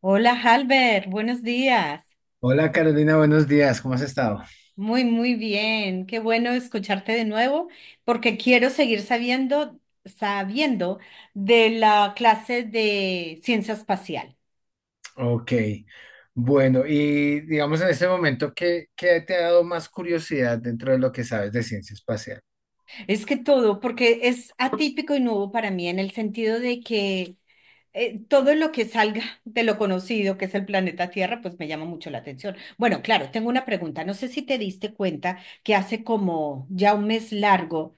Hola, Halbert, buenos días. Hola Carolina, buenos días, ¿cómo has estado? Muy, muy bien. Qué bueno escucharte de nuevo porque quiero seguir sabiendo de la clase de ciencia espacial. Ok, bueno, y digamos en este momento, ¿qué te ha dado más curiosidad dentro de lo que sabes de ciencia espacial? Es que todo, porque es atípico y nuevo para mí en el sentido de que todo lo que salga de lo conocido, que es el planeta Tierra, pues me llama mucho la atención. Bueno, claro, tengo una pregunta. No sé si te diste cuenta que hace como ya un mes largo.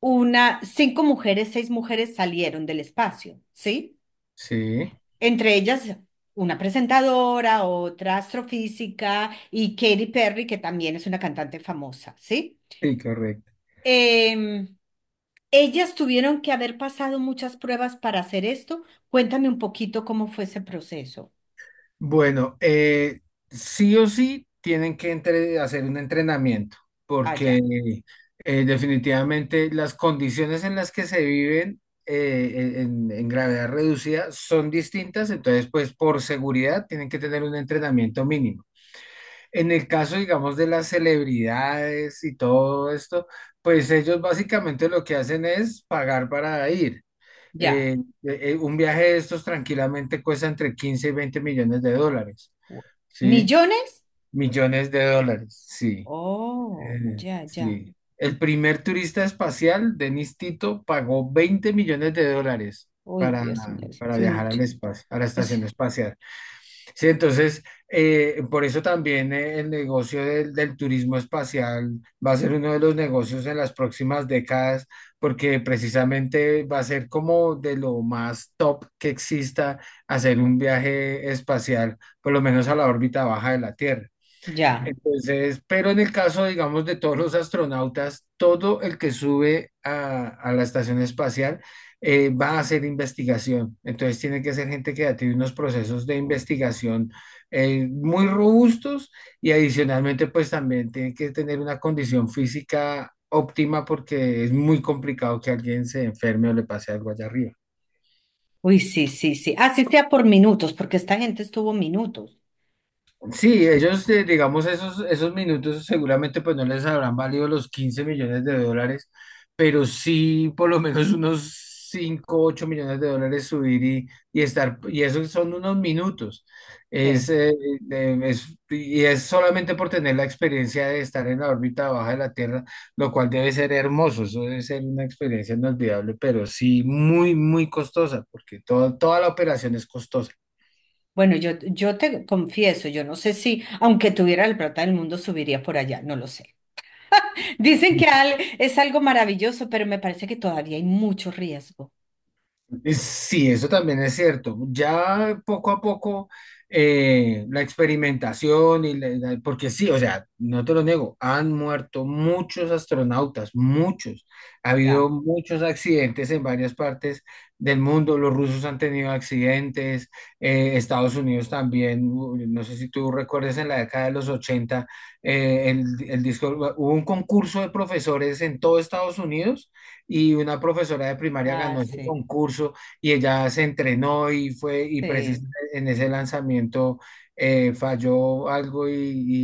Una, cinco mujeres, seis mujeres salieron del espacio, ¿sí? Sí, Entre ellas una presentadora, otra astrofísica y Katy Perry, que también es una cantante famosa, ¿sí? sí, correcto. Em, Ellas tuvieron que haber pasado muchas pruebas para hacer esto. Cuéntame un poquito cómo fue ese proceso. Bueno, sí o sí tienen que hacer un entrenamiento, Ah, porque ya, definitivamente las condiciones en las que se viven en gravedad reducida son distintas, entonces pues por seguridad tienen que tener un entrenamiento mínimo. En el caso, digamos, de las celebridades y todo esto, pues ellos básicamente lo que hacen es pagar para ir. ya. Eh, un viaje de estos tranquilamente cuesta entre 15 y 20 millones de dólares, ¿sí? ¿Millones? Millones de dólares, sí. Oh, eh, ya, ya. sí. El primer turista espacial, Denis Tito, pagó 20 millones de dólares Uy, para, Dios mío, para eso es viajar mucho. al espacio, a la Es, estación espacial. Sí, entonces, por eso también el negocio del turismo espacial va a ser uno de los negocios en las próximas décadas, porque precisamente va a ser como de lo más top que exista hacer un viaje espacial, por lo menos a la órbita baja de la Tierra. ya. Entonces, pero en el caso, digamos, de todos los astronautas, todo el que sube a la estación espacial va a hacer investigación. Entonces, tiene que ser gente que ya tiene unos procesos de investigación muy robustos y adicionalmente, pues también tiene que tener una condición física óptima porque es muy complicado que alguien se enferme o le pase algo allá arriba. Uy, sí, sí, sí. Así sea por minutos, porque esta gente estuvo minutos. Sí, ellos, digamos, esos minutos seguramente pues no les habrán valido los 15 millones de dólares, pero sí por lo menos unos 5 8 millones de dólares subir y estar, y eso son unos minutos. Es, Sí. eh, y es solamente por tener la experiencia de estar en la órbita baja de la Tierra, lo cual debe ser hermoso, eso debe ser una experiencia inolvidable, pero sí muy, muy costosa, porque toda la operación es costosa. Bueno, yo te confieso, yo no sé si, aunque tuviera el plata del mundo, subiría por allá, no lo sé. Dicen que al- es algo maravilloso, pero me parece que todavía hay mucho riesgo. Sí, eso también es cierto. Ya poco a poco la experimentación y porque sí, o sea, no te lo niego, han muerto muchos astronautas, muchos. Ha habido Ya. muchos accidentes en varias partes del mundo. Los rusos han tenido accidentes, Estados Unidos también. No sé si tú recuerdas en la década de los 80 el disco, hubo un concurso de profesores en todo Estados Unidos y una profesora de primaria Ah, ganó ese sí, concurso y ella se entrenó y fue, y sí, precisamente en ese lanzamiento falló algo y,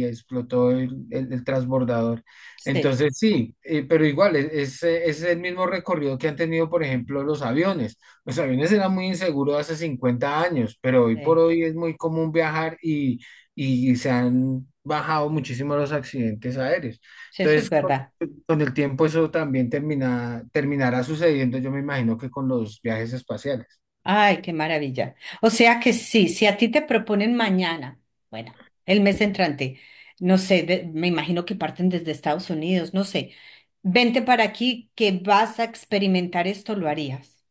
y explotó el transbordador. sí, Entonces sí, pero igual es el mismo recorrido que han tenido, por ejemplo, los aviones. Los aviones eran muy inseguros hace 50 años, pero hoy por sí. hoy es muy común viajar y se han bajado muchísimo los accidentes aéreos. Sí, eso es Entonces, verdad. con el tiempo eso también terminará sucediendo, yo me imagino que con los viajes espaciales. Ay, qué maravilla. O sea que sí, si a ti te proponen mañana, bueno, el mes entrante, no sé, de- me imagino que parten desde Estados Unidos, no sé, vente para aquí que vas a experimentar esto, lo harías.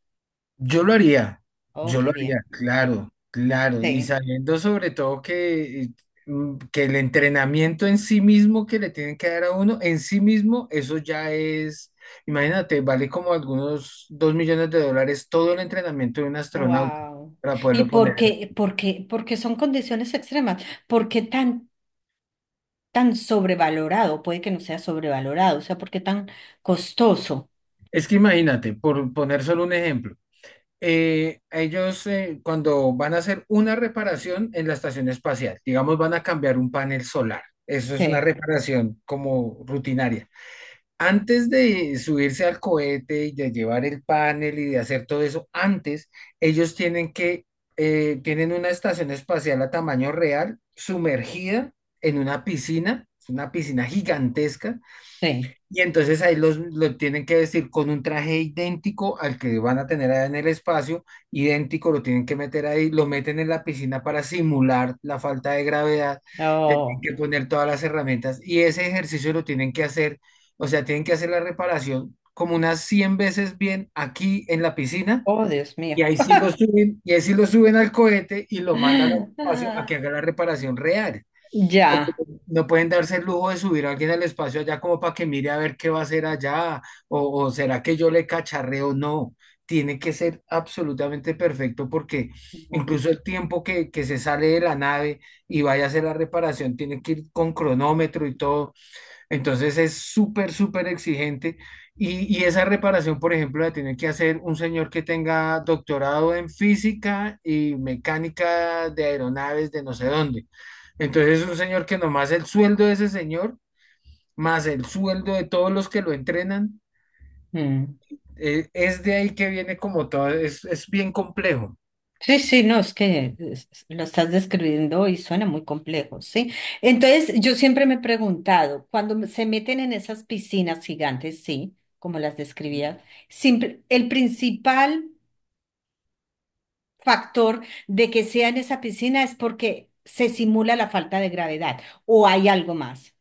Yo lo haría, Oh, yo qué lo haría, bien. claro, claro, y Sí. sabiendo sobre todo que, que el entrenamiento en sí mismo que le tienen que dar a uno, en sí mismo, eso ya es, imagínate, vale como algunos 2 millones de dólares todo el entrenamiento de un astronauta Wow. para ¿Y poderlo por poner. qué, por qué, por qué son condiciones extremas? ¿Por qué tan, tan sobrevalorado? Puede que no sea sobrevalorado, o sea, ¿por qué tan costoso? Es que imagínate, por poner solo un ejemplo. Ellos cuando van a hacer una reparación en la estación espacial, digamos, van a cambiar un panel solar. Eso es una Sí, reparación como rutinaria. Antes de subirse al cohete y de llevar el panel y de hacer todo eso, antes ellos tienen una estación espacial a tamaño real, sumergida en una piscina, es una piscina gigantesca, sí. y entonces ahí lo tienen que vestir con un traje idéntico al que van a tener allá en el espacio, idéntico, lo tienen que meter ahí, lo meten en la piscina para simular la falta de gravedad, le tienen Oh, que poner todas las herramientas y ese ejercicio lo tienen que hacer, o sea, tienen que hacer la reparación como unas 100 veces bien aquí en la piscina oh, Dios y mío. ahí sí lo suben, y ahí sí lo suben al cohete y lo mandan al espacio a que haga la reparación real porque Ya. no pueden darse el lujo de subir a alguien al espacio allá como para que mire a ver qué va a hacer allá, o será que yo le cacharreo, no. Tiene que ser absolutamente perfecto porque Ujú. incluso el tiempo que se sale de la nave y vaya a hacer la reparación tiene que ir con cronómetro y todo. Entonces es súper, súper exigente y esa reparación, por ejemplo, la tiene que hacer un señor que tenga doctorado en física y mecánica de aeronaves de no sé dónde. Entonces es un señor que nomás el sueldo de ese señor, más el sueldo de todos los que lo entrenan, Mm. Es de ahí que viene como todo, es bien complejo. Sí, sí, no, es que es- lo estás describiendo y suena muy complejo, ¿sí? Entonces, yo siempre me he preguntado, cuando me- se meten en esas piscinas gigantes, sí, como las describía, simple- el principal factor de que sea en esa piscina es porque se simula la falta de gravedad o hay algo más.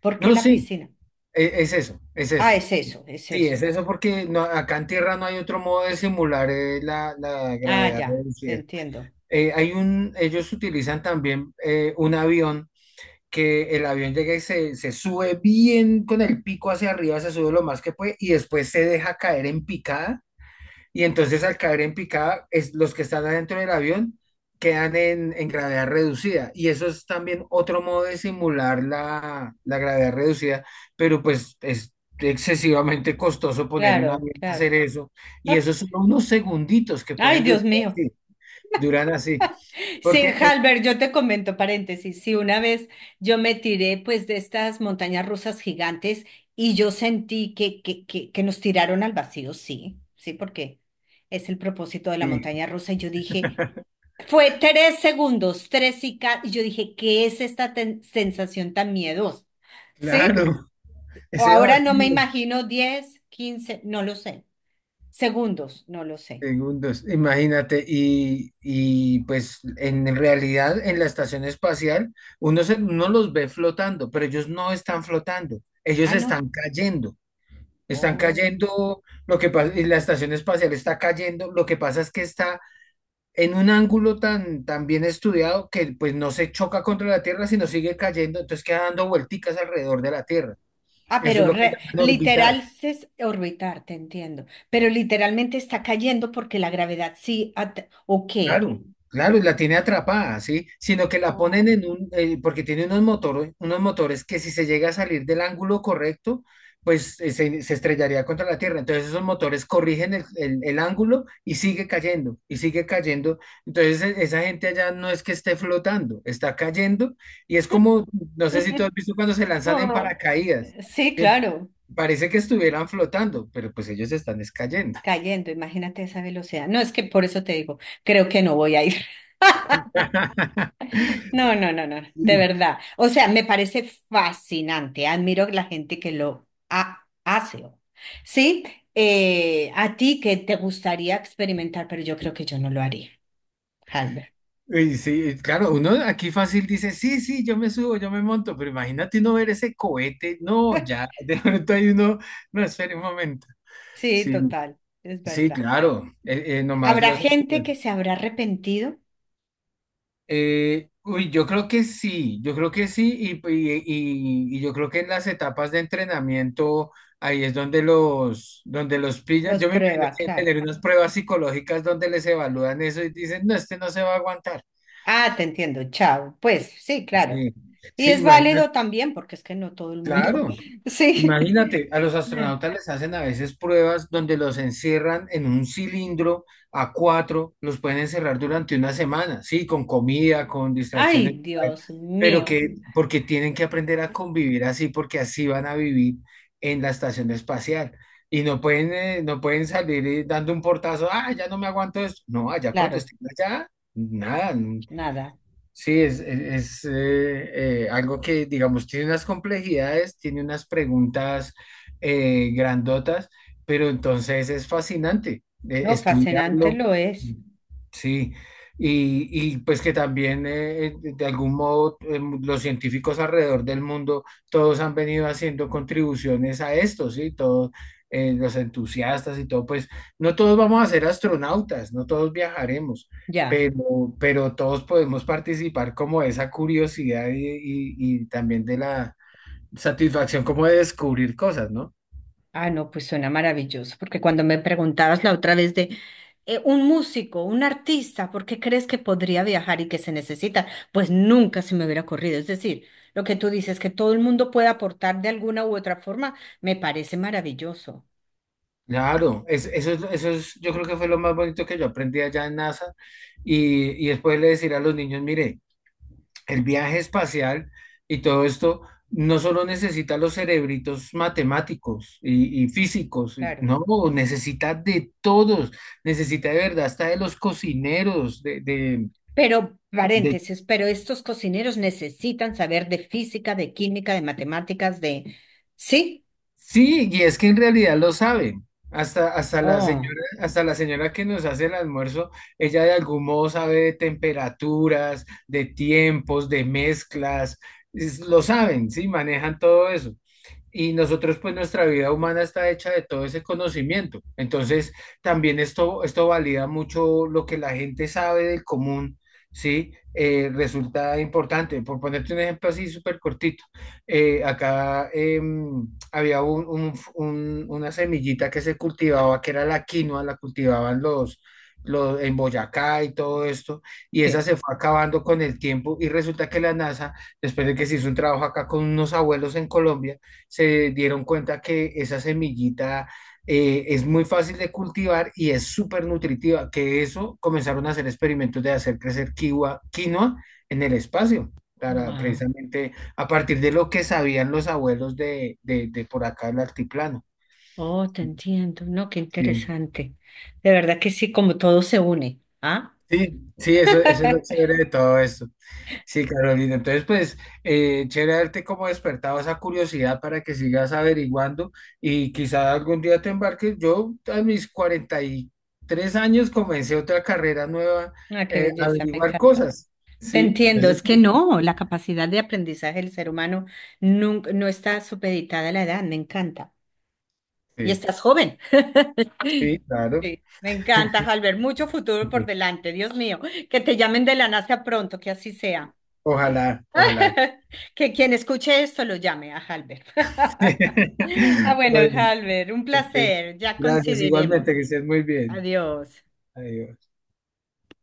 ¿Por qué No, la sí, piscina? Es eso, es Ah, eso. es eso, es Sí, es eso. eso porque no- acá en tierra no hay otro modo de simular la Ah, gravedad ya, te reducida. entiendo. Ellos utilizan también un avión que el avión llega y se sube bien con el pico hacia arriba, se sube lo más que puede y después se deja caer en picada. Y entonces al caer en picada, los que están adentro del avión quedan en gravedad reducida. Y eso es también otro modo de simular la gravedad reducida, pero pues es excesivamente costoso poner un Claro, avión a hacer claro. eso. Y eso son unos segunditos que Ay, pueden durar Dios mío. así. Durán así. Sí, Porque, Halber, yo te comento paréntesis. Sí, una vez yo me tiré pues de estas montañas rusas gigantes y yo sentí que nos tiraron al vacío, sí, sí, porque es el propósito de la sí, montaña rusa. Y yo dije, fue tres segundos, tres y, ca- y yo dije, ¿qué es esta ten- sensación tan miedosa? ¿Sí? claro, O ese ahora no me vacío. imagino 10, 15, no lo sé. Segundos, no lo sé. Segundos, imagínate, y pues en realidad en la estación espacial uno los ve flotando, pero ellos no están flotando, ellos Ah, no. Están Oh. cayendo, lo que pasa, y la estación espacial está cayendo, lo que pasa es que está en un ángulo tan, tan bien estudiado que pues no se choca contra la Tierra, sino sigue cayendo, entonces queda dando vuelticas alrededor de la Tierra, Ah, eso es pero lo que re- llaman orbitar. literal es orbitar, te entiendo. Pero literalmente está cayendo porque la gravedad sí. At- ¿O qué? Claro, claro, y la tiene atrapada, ¿sí? Sino que la ponen Oh. Porque tiene unos motores que si se llega a salir del ángulo correcto, pues se estrellaría contra la tierra. Entonces esos motores corrigen el ángulo y sigue cayendo, y sigue cayendo. Entonces esa gente allá no es que esté flotando, está cayendo y es como, no sé si tú has visto cuando se lanzan en Ah, paracaídas. sí, ¿Sí? claro, Parece que estuvieran flotando, pero pues ellos están es cayendo. cayendo, imagínate esa velocidad. No, es que por eso te digo, creo que no voy a ir. No, no, no, no, de verdad. O sea, me parece fascinante, admiro la gente que lo ha- hace. Sí, a ti que te gustaría experimentar, pero yo creo que yo no lo haría. Y sí, claro, uno aquí fácil dice, sí, sí, yo me subo, yo me monto, pero imagínate uno ver ese cohete, no, ya, de pronto hay uno, no, espere un momento. Sí, Sí, total, es sí, verdad. claro, nomás Habrá los... gente que se habrá arrepentido, uy, yo creo que sí, yo creo que sí, y yo creo que en las etapas de entrenamiento, ahí es donde donde los pillan. los Yo me imagino prueba, que deben claro. tener unas pruebas psicológicas donde les evalúan eso y dicen, no, este no se va a aguantar. Ah, te entiendo, chao. Pues sí, claro. Sí, Y sí, es válido también, porque es que no todo el mundo. claro. Sí. Imagínate, a los astronautas les hacen a veces pruebas donde los encierran en un cilindro a cuatro, los pueden encerrar durante una semana, sí, con comida, con distracciones, Ay, Dios pero mío. que porque tienen que aprender a convivir así, porque así van a vivir en la estación espacial. Y no pueden, no pueden salir dando un portazo, ah, ya no me aguanto esto. No, allá cuando Claro, estén allá, nada. nada. Sí, algo que, digamos, tiene unas complejidades, tiene unas preguntas grandotas, pero entonces es fascinante No, fascinante estudiarlo. lo es. Sí, y pues que también de algún modo los científicos alrededor del mundo, todos han venido haciendo contribuciones a esto, ¿sí? Todos los entusiastas y todo, pues no todos vamos a ser astronautas, no todos viajaremos Ya. pero todos podemos participar como de esa curiosidad y también de la satisfacción como de descubrir cosas, ¿no? Ah, no, pues suena maravilloso, porque cuando me preguntabas la otra vez de un músico, un artista, ¿por qué crees que podría viajar y que se necesita? Pues nunca se me hubiera ocurrido. Es decir, lo que tú dices, que todo el mundo puede aportar de alguna u otra forma, me parece maravilloso, Claro, eso es, yo creo que fue lo más bonito que yo aprendí allá en NASA y después le decir a los niños, mire, el viaje espacial y todo esto no solo necesita los cerebritos matemáticos y físicos, claro. no, necesita de todos, necesita de verdad hasta de los cocineros, de, de, Pero, de paréntesis, pero estos cocineros necesitan saber de física, de química, de matemáticas, de... ¿Sí? Sí, y es que en realidad lo saben. Hasta, hasta la Oh, señora, hasta la señora que nos hace el almuerzo, ella de algún modo sabe de temperaturas, de tiempos, de mezclas, lo saben, sí, manejan todo eso y nosotros pues nuestra vida humana está hecha de todo ese conocimiento. Entonces también esto valida mucho lo que la gente sabe del común, ¿sí? Resulta importante. Por ponerte un ejemplo así súper cortito, acá había una semillita que se cultivaba, que era la quinoa, la cultivaban los en Boyacá y todo esto, y esa sí. se fue acabando con el tiempo y resulta que la NASA, después de que se hizo un trabajo acá con unos abuelos en Colombia, se dieron cuenta que esa semillita es muy fácil de cultivar y es súper nutritiva, que eso comenzaron a hacer experimentos de hacer crecer quinoa, quinoa en el espacio, para Wow. precisamente a partir de lo que sabían los abuelos de por acá del altiplano. Oh, te entiendo. No, qué Sí. interesante. De verdad que sí, como todo se une. ¿Ah? Sí, sí, eso es lo chévere de todo esto. Sí, Carolina. Entonces, pues, chévere haberte como despertado esa curiosidad para que sigas averiguando y quizá algún día te embarques. Yo a mis 43 años comencé otra carrera nueva, Ah, qué a belleza, me averiguar encanta. cosas. Te Sí, entiendo, entonces, es que no, la capacidad de aprendizaje del ser humano nunca, no está supeditada a la edad, me encanta. Y sí, estás joven. sí, claro. Sí, me encanta, Albert, mucho futuro por Ok. delante, Dios mío, que te llamen de la NASA pronto, que así sea. Ojalá, ojalá. Que quien escuche esto lo llame a Halber. Ah, bueno, Bueno, Halber, un ok. placer, ya Gracias, coincidiremos. igualmente, que estés muy bien. Adiós. Adiós.